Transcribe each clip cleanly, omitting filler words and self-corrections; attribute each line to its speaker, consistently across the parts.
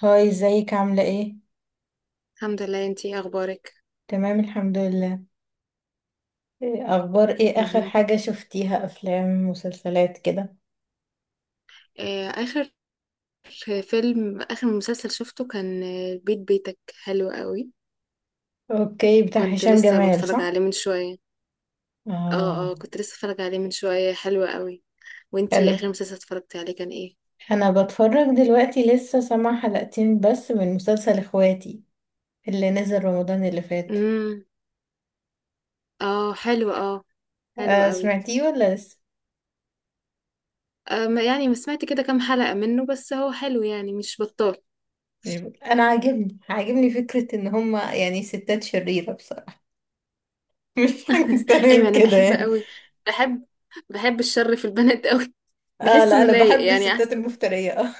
Speaker 1: هاي، ازيك عاملة ايه؟
Speaker 2: الحمد لله، انتي ايه اخبارك؟
Speaker 1: تمام، الحمد لله. إيه اخبار، ايه اخر
Speaker 2: مهم.
Speaker 1: حاجة شفتيها؟ افلام مسلسلات كده؟
Speaker 2: آه، اخر اخر مسلسل شفته كان بيت بيتك حلو قوي.
Speaker 1: اوكي، بتاع
Speaker 2: كنت
Speaker 1: هشام
Speaker 2: لسه
Speaker 1: جمال
Speaker 2: بتفرج
Speaker 1: صح؟
Speaker 2: عليه من شوية. اه، اه،
Speaker 1: اه.
Speaker 2: كنت لسه بتفرج عليه من شوية، حلو قوي. وانتي اخر
Speaker 1: حلو.
Speaker 2: مسلسل اتفرجتي عليه كان ايه؟
Speaker 1: انا بتفرج دلوقتي، لسه سامعة حلقتين بس من مسلسل اخواتي اللي نزل رمضان اللي فات.
Speaker 2: امم. اه، حلو، اه. حلو
Speaker 1: آه،
Speaker 2: قوي.
Speaker 1: سمعتيه ولا لسه؟
Speaker 2: يعني ما سمعت كده كام حلقة منه، بس هو حلو يعني، مش بطال.
Speaker 1: مش ب- انا عاجبني فكرة ان هما يعني ستات شريرة بصراحة. مش حاجة مستنية
Speaker 2: ايوه، انا
Speaker 1: كده
Speaker 2: بحب
Speaker 1: يعني.
Speaker 2: قوي. بحب بحب الشر في البنات قوي.
Speaker 1: اه
Speaker 2: بحس
Speaker 1: لا،
Speaker 2: انه
Speaker 1: انا
Speaker 2: لايق
Speaker 1: بحب
Speaker 2: يعني
Speaker 1: الستات
Speaker 2: احسن.
Speaker 1: المفترية. اه.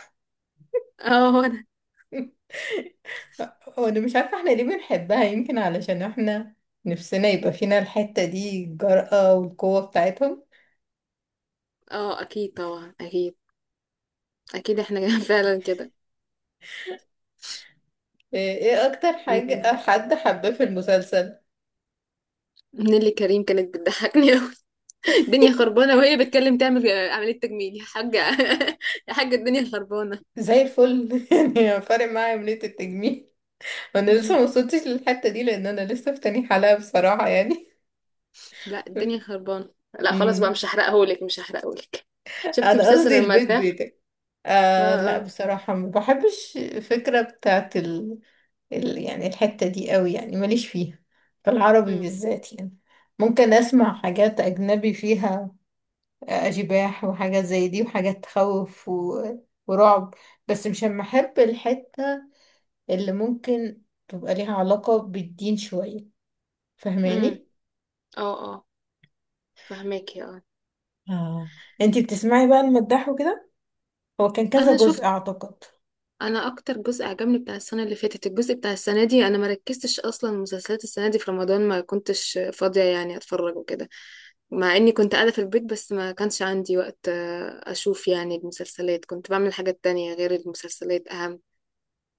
Speaker 2: اه، هو ده.
Speaker 1: وانا مش عارفة احنا ليه بنحبها، يمكن علشان احنا نفسنا يبقى فينا الحتة دي، الجرأة والقوة بتاعتهم.
Speaker 2: اه، اكيد طبعا، اكيد. اكيد احنا فعلا كده.
Speaker 1: ايه اكتر
Speaker 2: مم.
Speaker 1: حاجة حد حباه في المسلسل؟
Speaker 2: نيللي كريم كانت بتضحكني قوي. الدنيا خربانه وهي بتتكلم تعمل عمليه تجميل يا حاجه. يا حاجه، الدنيا خربانه.
Speaker 1: زي الفل. يعني فارق معايا عملية التجميل؟ انا لسه
Speaker 2: مم.
Speaker 1: ما وصلتش للحتة دي لان انا لسه في تاني حلقة بصراحة يعني.
Speaker 2: لا، الدنيا خربانه. لا خلاص بقى،
Speaker 1: أمم.
Speaker 2: مش هحرقهولك، مش هحرقهولك. شفتي
Speaker 1: انا
Speaker 2: بسلسل
Speaker 1: قصدي البيت
Speaker 2: المداح؟
Speaker 1: بيتك.
Speaker 2: اه،
Speaker 1: آه لا،
Speaker 2: اه.
Speaker 1: بصراحة ما بحبش الفكرة بتاعت يعني الحتة دي قوي، يعني ماليش فيها في العربي
Speaker 2: امم.
Speaker 1: بالذات يعني. ممكن اسمع حاجات اجنبي فيها، اشباح وحاجات زي دي وحاجات تخوف ورعب. بس مش اما احب الحتة اللي ممكن تبقى ليها علاقة بالدين شوية.
Speaker 2: امم.
Speaker 1: فاهماني؟
Speaker 2: اه، اه، فهماكي، اه.
Speaker 1: اه. انتي بتسمعي بقى المداح وكده؟ هو كان كذا
Speaker 2: انا
Speaker 1: جزء
Speaker 2: شفت.
Speaker 1: اعتقد.
Speaker 2: انا اكتر جزء عجبني بتاع السنه اللي فاتت. الجزء بتاع السنه دي انا ما ركزتش اصلا. مسلسلات السنه دي في رمضان ما كنتش فاضيه يعني اتفرج وكده. مع اني كنت قاعده في البيت بس ما كانش عندي وقت اشوف يعني المسلسلات. كنت بعمل حاجات تانية غير المسلسلات اهم.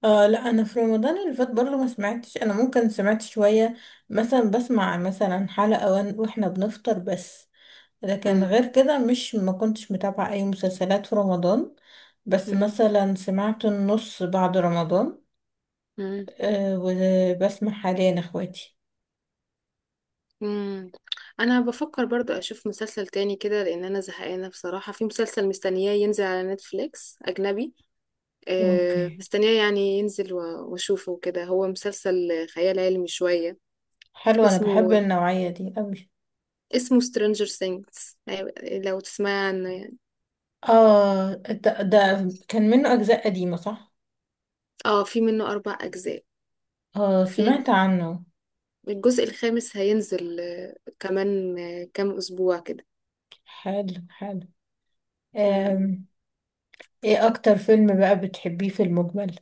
Speaker 1: آه لا، انا في رمضان اللي فات برضه ما سمعتش. انا ممكن سمعت شوية، مثلا بسمع مثلا حلقة، واحنا بنفطر بس. لكن
Speaker 2: مم.
Speaker 1: غير كده مش ما كنتش متابعة اي مسلسلات في رمضان. بس
Speaker 2: مم.
Speaker 1: مثلا سمعت النص بعد رمضان.
Speaker 2: مم.
Speaker 1: وبسمع حاليا اخواتي.
Speaker 2: مم. انا بفكر برضو اشوف مسلسل تاني كده، لان انا زهقانه بصراحه. في مسلسل مستنياه ينزل على نتفليكس اجنبي.
Speaker 1: اوكي،
Speaker 2: مستنياه يعني ينزل واشوفه كده. هو مسلسل خيال علمي شويه.
Speaker 1: حلو. انا بحب
Speaker 2: اسمه
Speaker 1: النوعية دي قوي.
Speaker 2: اسمه Stranger Things. أيوة، لو تسمع عنه يعني.
Speaker 1: اه، ده كان منه اجزاء قديمة صح؟
Speaker 2: اه، في منه 4 أجزاء.
Speaker 1: اه،
Speaker 2: في
Speaker 1: سمعت عنه.
Speaker 2: الجزء الخامس هينزل كمان كام أسبوع كده.
Speaker 1: حلو حلو.
Speaker 2: مم.
Speaker 1: آم، ايه اكتر فيلم بقى بتحبيه في المجمل؟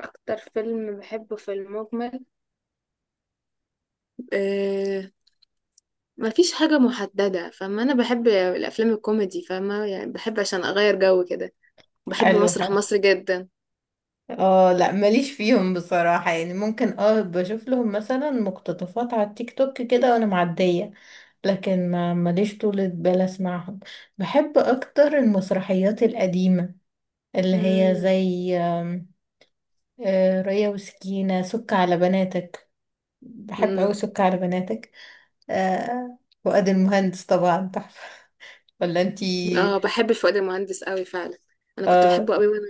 Speaker 2: اكتر فيلم بحبه في المجمل؟ آه مفيش حاجة محددة، فما أنا بحب الأفلام الكوميدي، فما يعني بحب عشان أغير جو كده. بحب
Speaker 1: حلو
Speaker 2: مسرح
Speaker 1: حلو.
Speaker 2: مصر جدا.
Speaker 1: اه لا، ماليش فيهم بصراحة يعني، ممكن بشوف لهم مثلا مقتطفات على التيك توك كده وانا معدية. لكن ما ماليش طولة بال اسمعهم. بحب اكتر المسرحيات القديمة، اللي هي
Speaker 2: مم.
Speaker 1: زي آم، آه، ريا وسكينة، سك على بناتك. بحب اوي
Speaker 2: مم.
Speaker 1: سك على بناتك. فؤاد المهندس طبعا تحفة. ولا انتي؟
Speaker 2: اه، بحب فؤاد المهندس قوي فعلا. أنا كنت
Speaker 1: اه
Speaker 2: بحبه قوي وأنا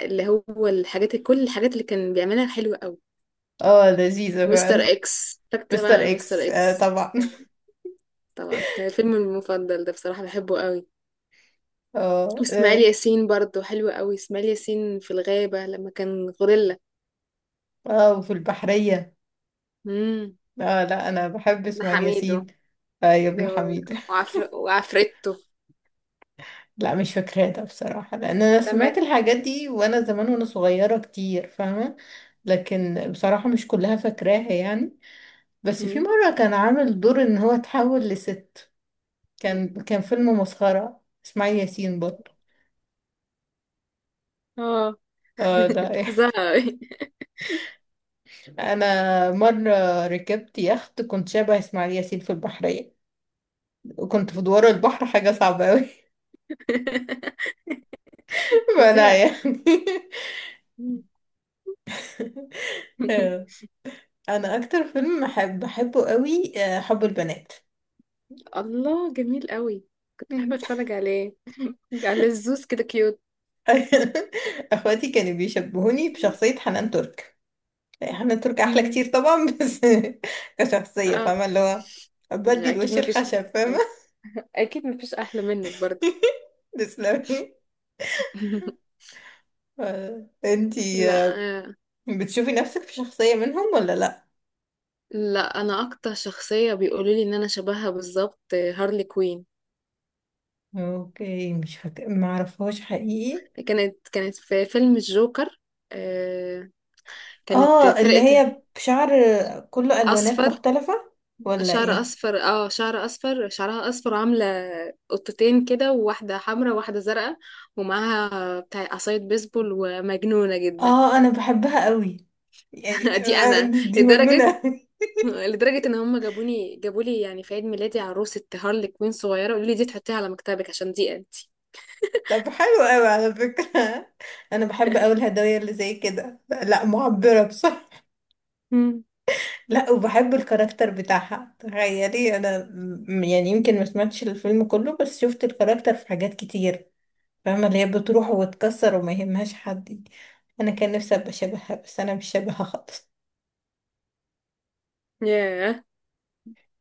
Speaker 2: اللي هو كل الحاجات اللي كان بيعملها حلوة قوي.
Speaker 1: اه، لذيذة
Speaker 2: مستر
Speaker 1: فعلا.
Speaker 2: اكس، فاكر طبعا
Speaker 1: مستر
Speaker 2: عن مستر
Speaker 1: اكس، آه
Speaker 2: اكس.
Speaker 1: طبعا.
Speaker 2: طبعا. طبعا، كان الفيلم المفضل ده بصراحة، بحبه قوي.
Speaker 1: اه
Speaker 2: واسماعيل
Speaker 1: اه.
Speaker 2: ياسين برضه حلو قوي، اسماعيل ياسين في الغابة لما كان غوريلا.
Speaker 1: وفي البحرية.
Speaker 2: امم.
Speaker 1: اه لا، انا بحب
Speaker 2: ده
Speaker 1: اسماعيل
Speaker 2: حميدو.
Speaker 1: ياسين. آه يا
Speaker 2: ده
Speaker 1: ابن حميد.
Speaker 2: وعفرته.
Speaker 1: لا مش فاكراه ده بصراحة، لان انا
Speaker 2: لما.
Speaker 1: سمعت الحاجات دي وانا زمان وانا صغيرة كتير فاهمة. لكن بصراحة مش كلها فاكراها يعني. بس في
Speaker 2: مم.
Speaker 1: مرة كان عامل دور ان هو اتحول لست. كان فيلم مسخرة اسماعيل ياسين برضه.
Speaker 2: اه،
Speaker 1: اه ده.
Speaker 2: فظيع أوي.
Speaker 1: انا مرة ركبت يخت، كنت شبه اسماعيل ياسين في البحرية، وكنت في دوار البحر، حاجة صعبة اوي. فلا
Speaker 2: فظيع.
Speaker 1: يعني.
Speaker 2: مم.
Speaker 1: انا اكتر فيلم بحبه قوي، حب البنات.
Speaker 2: الله جميل قوي. كنت بحب
Speaker 1: مم.
Speaker 2: اتفرج عليه على الزوز كده، كيوت.
Speaker 1: اخواتي كانوا بيشبهوني بشخصية حنان ترك، يعني حنان ترك احلى
Speaker 2: مم.
Speaker 1: كتير طبعا بس. كشخصية،
Speaker 2: اه
Speaker 1: فاهمة اللي هو بدي
Speaker 2: يعني،
Speaker 1: الوش الخشب، فاهمة؟
Speaker 2: اكيد مفيش احلى منك برضه.
Speaker 1: تسلمي. انتي
Speaker 2: لا. آه،
Speaker 1: بتشوفي نفسك في شخصية منهم ولا لا؟
Speaker 2: لا، انا اكتر شخصيه بيقولوا لي ان انا شبهها بالظبط هارلي كوين.
Speaker 1: اوكي، مش فاكرة، ما اعرفهاش حقيقي.
Speaker 2: كانت في فيلم الجوكر. آه، كانت
Speaker 1: اه، اللي
Speaker 2: فرقه.
Speaker 1: هي بشعر كله الوانات
Speaker 2: اصفر.
Speaker 1: مختلفة ولا
Speaker 2: شعر
Speaker 1: ايه؟
Speaker 2: اصفر شعر اصفر شعرها اصفر وعامله قطتين كده، وواحده حمراء وواحده زرقاء. ومعاها بتاع عصايه بيسبول، ومجنونه جدا.
Speaker 1: اه انا بحبها قوي، يعني
Speaker 2: دي انا.
Speaker 1: دي
Speaker 2: لدرجه
Speaker 1: مجنونة.
Speaker 2: لدرجة ان هم جابولي يعني، في عيد ميلادي، عروسة هارلي كوين صغيرة، قالوا لي دي تحطيها على مكتبك عشان دي انتي.
Speaker 1: طب حلو قوي على فكرة. أنا بحب أوي الهدايا اللي زي كده، لا معبرة بصراحة.
Speaker 2: مم.
Speaker 1: لا، وبحب الكاركتر بتاعها، تخيلي أنا يعني يمكن ما سمعتش الفيلم كله بس شفت الكاركتر في حاجات كتير. فاهمة اللي هي بتروح وتكسر وما يهمهاش حد. أنا كان نفسي أبقى شبهها بس أنا مش شبهها خالص.
Speaker 2: ياه،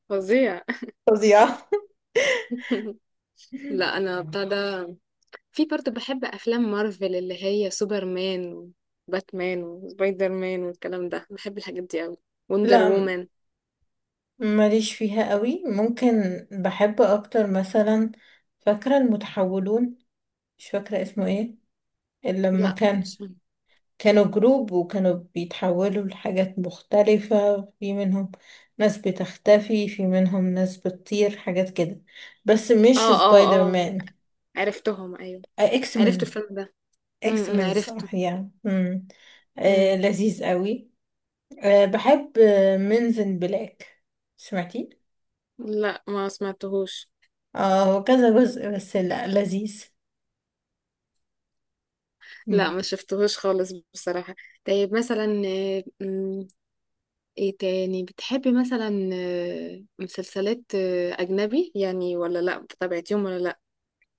Speaker 2: فظيع.
Speaker 1: فظيعة.
Speaker 2: لا انا بتاع ده. في برضه بحب افلام مارفل اللي هي سوبرمان وباتمان وسبايدر مان والكلام ده، بحب الحاجات دي قوي. وندر
Speaker 1: لا
Speaker 2: وومن.
Speaker 1: ماليش فيها قوي، ممكن بحب أكتر مثلا. فاكرة المتحولون؟ مش فاكرة اسمه ايه، اللي لما
Speaker 2: لا، مش فاهمة.
Speaker 1: كانوا جروب وكانوا بيتحولوا لحاجات مختلفة، في منهم ناس بتختفي، في منهم ناس بتطير، حاجات كده. بس مش
Speaker 2: اه،
Speaker 1: سبايدر
Speaker 2: اه، اه،
Speaker 1: مان،
Speaker 2: عرفتهم، ايوه.
Speaker 1: اكس
Speaker 2: عرفت
Speaker 1: مان.
Speaker 2: الفيلم ده.
Speaker 1: اكس
Speaker 2: امم،
Speaker 1: مان
Speaker 2: عرفته.
Speaker 1: صح يعني، مم. آه،
Speaker 2: امم.
Speaker 1: لذيذ قوي. آه، بحب منزن بلاك. سمعتي؟
Speaker 2: لا، ما سمعتهوش.
Speaker 1: اه هو كذا جزء، بس لا لذيذ.
Speaker 2: لا
Speaker 1: مم.
Speaker 2: ما شفتهوش خالص بصراحة. طيب مثلا ايه تاني بتحبي مثلا؟ مسلسلات أجنبي يعني، ولا لا؟ بتابعتيهم ولا لا؟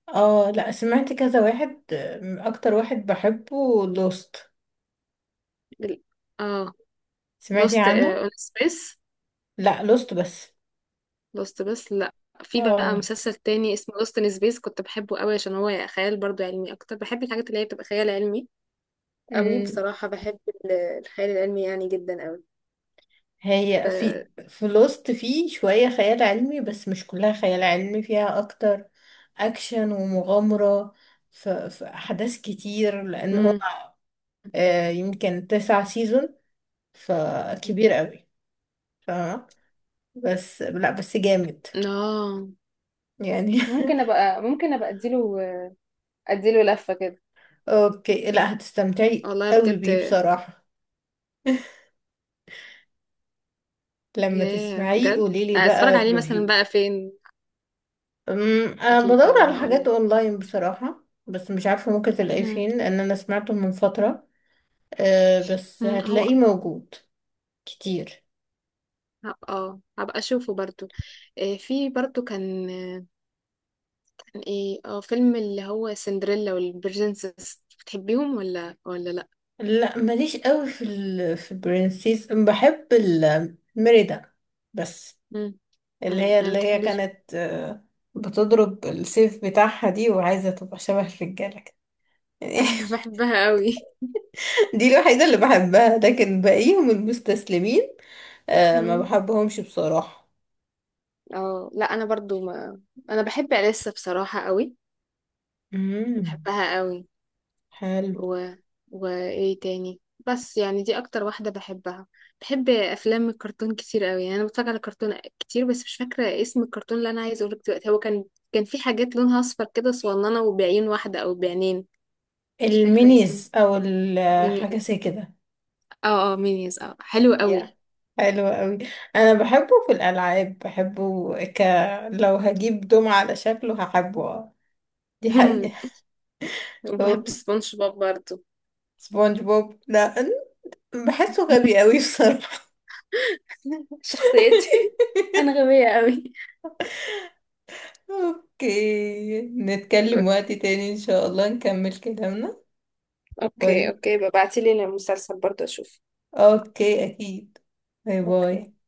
Speaker 1: اه لا، سمعت كذا واحد، اكتر واحد بحبه لوست.
Speaker 2: ال- اه.
Speaker 1: سمعتي
Speaker 2: لوست
Speaker 1: عنه؟
Speaker 2: اون سبيس؟
Speaker 1: لا، لوست بس.
Speaker 2: لوست بس، لا. في بقى
Speaker 1: اه.
Speaker 2: مسلسل تاني اسمه لوست ان سبيس، كنت بحبه قوي عشان هو خيال برضو علمي. اكتر بحب الحاجات اللي هي بتبقى خيال علمي قوي
Speaker 1: امم
Speaker 2: بصراحة. بحب ال- الخيال العلمي يعني، جدا قوي. ف
Speaker 1: هي في في لوست في شوية خيال علمي بس مش كلها خيال علمي، فيها أكتر أكشن ومغامرة. في أحداث كتير لأن هو
Speaker 2: مم.
Speaker 1: يمكن 9 سيزون، فكبير قوي، فاهمة. بس لا، بس جامد
Speaker 2: اه،
Speaker 1: يعني.
Speaker 2: ممكن ابقى اديله لفة كده.
Speaker 1: أوكي، لا هتستمتعي
Speaker 2: والله
Speaker 1: قوي بيه
Speaker 2: بجد.
Speaker 1: بصراحة. لما
Speaker 2: ياه
Speaker 1: تسمعيه
Speaker 2: بجد.
Speaker 1: قوليلي بقى
Speaker 2: اتفرج عليه مثلا
Speaker 1: الريفيو.
Speaker 2: بقى فين؟
Speaker 1: انا
Speaker 2: اكيد
Speaker 1: بدور على
Speaker 2: طبعا، هقول
Speaker 1: حاجات
Speaker 2: لك.
Speaker 1: اونلاين بصراحة بس مش عارفة ممكن تلاقيه
Speaker 2: مم.
Speaker 1: فين، لان انا سمعته من فترة. أه، بس
Speaker 2: مم.
Speaker 1: هتلاقيه
Speaker 2: هو
Speaker 1: موجود كتير.
Speaker 2: هبقى اشوفه برضو. في برضو كان كان ايه؟ اه فيلم اللي هو سندريلا والبرنسس، بتحبيهم ولا، لا؟
Speaker 1: لا ماليش قوي في في برنسيس. بحب الميريدا بس،
Speaker 2: مم.
Speaker 1: اللي
Speaker 2: مم.
Speaker 1: هي
Speaker 2: انا ما
Speaker 1: اللي هي
Speaker 2: بتحبش.
Speaker 1: كانت بتضرب السيف بتاعها دي وعايزة تبقى شبه الرجالة كده يعني.
Speaker 2: ايوه، بحبها قوي.
Speaker 1: دي الوحيدة اللي بحبها، لكن باقيهم المستسلمين، أه ما
Speaker 2: مم.
Speaker 1: بحبهمش بصراحة.
Speaker 2: اه، لا، انا برضو ما. انا بحب اليسا بصراحة قوي.
Speaker 1: امم
Speaker 2: بحبها قوي.
Speaker 1: حلو.
Speaker 2: و... وايه تاني. بس يعني دي اكتر واحدة بحبها. بحب افلام الكرتون كتير قوي يعني، انا بتفرج على كرتون كتير. بس مش فاكرة اسم الكرتون اللي انا عايزة اقولك دلوقتي. هو كان في حاجات لونها اصفر كده، صغننة، وبعين واحدة او بعينين. مش فاكرة اسمه.
Speaker 1: المينيز او حاجه زي
Speaker 2: مينيز.
Speaker 1: كده.
Speaker 2: اه، اه، مينيز، اه، حلو
Speaker 1: يا،
Speaker 2: قوي.
Speaker 1: حلو قوي. انا بحبه في الالعاب، بحبه لو هجيب دمعة على شكله هحبه. دي حقيقه.
Speaker 2: وبحب
Speaker 1: أوه.
Speaker 2: سبونج بوب برضه.
Speaker 1: سبونج بوب لا، بحسه غبي قوي بصراحه.
Speaker 2: شخصيتي، انا غبية قوي.
Speaker 1: اوكي، نتكلم وقت تاني ان شاء الله، نكمل كلامنا.
Speaker 2: اوكي،
Speaker 1: باي.
Speaker 2: اوكي، ببعتيلي المسلسل برضه اشوف.
Speaker 1: اوكي اكيد. باي
Speaker 2: اوكي.
Speaker 1: باي.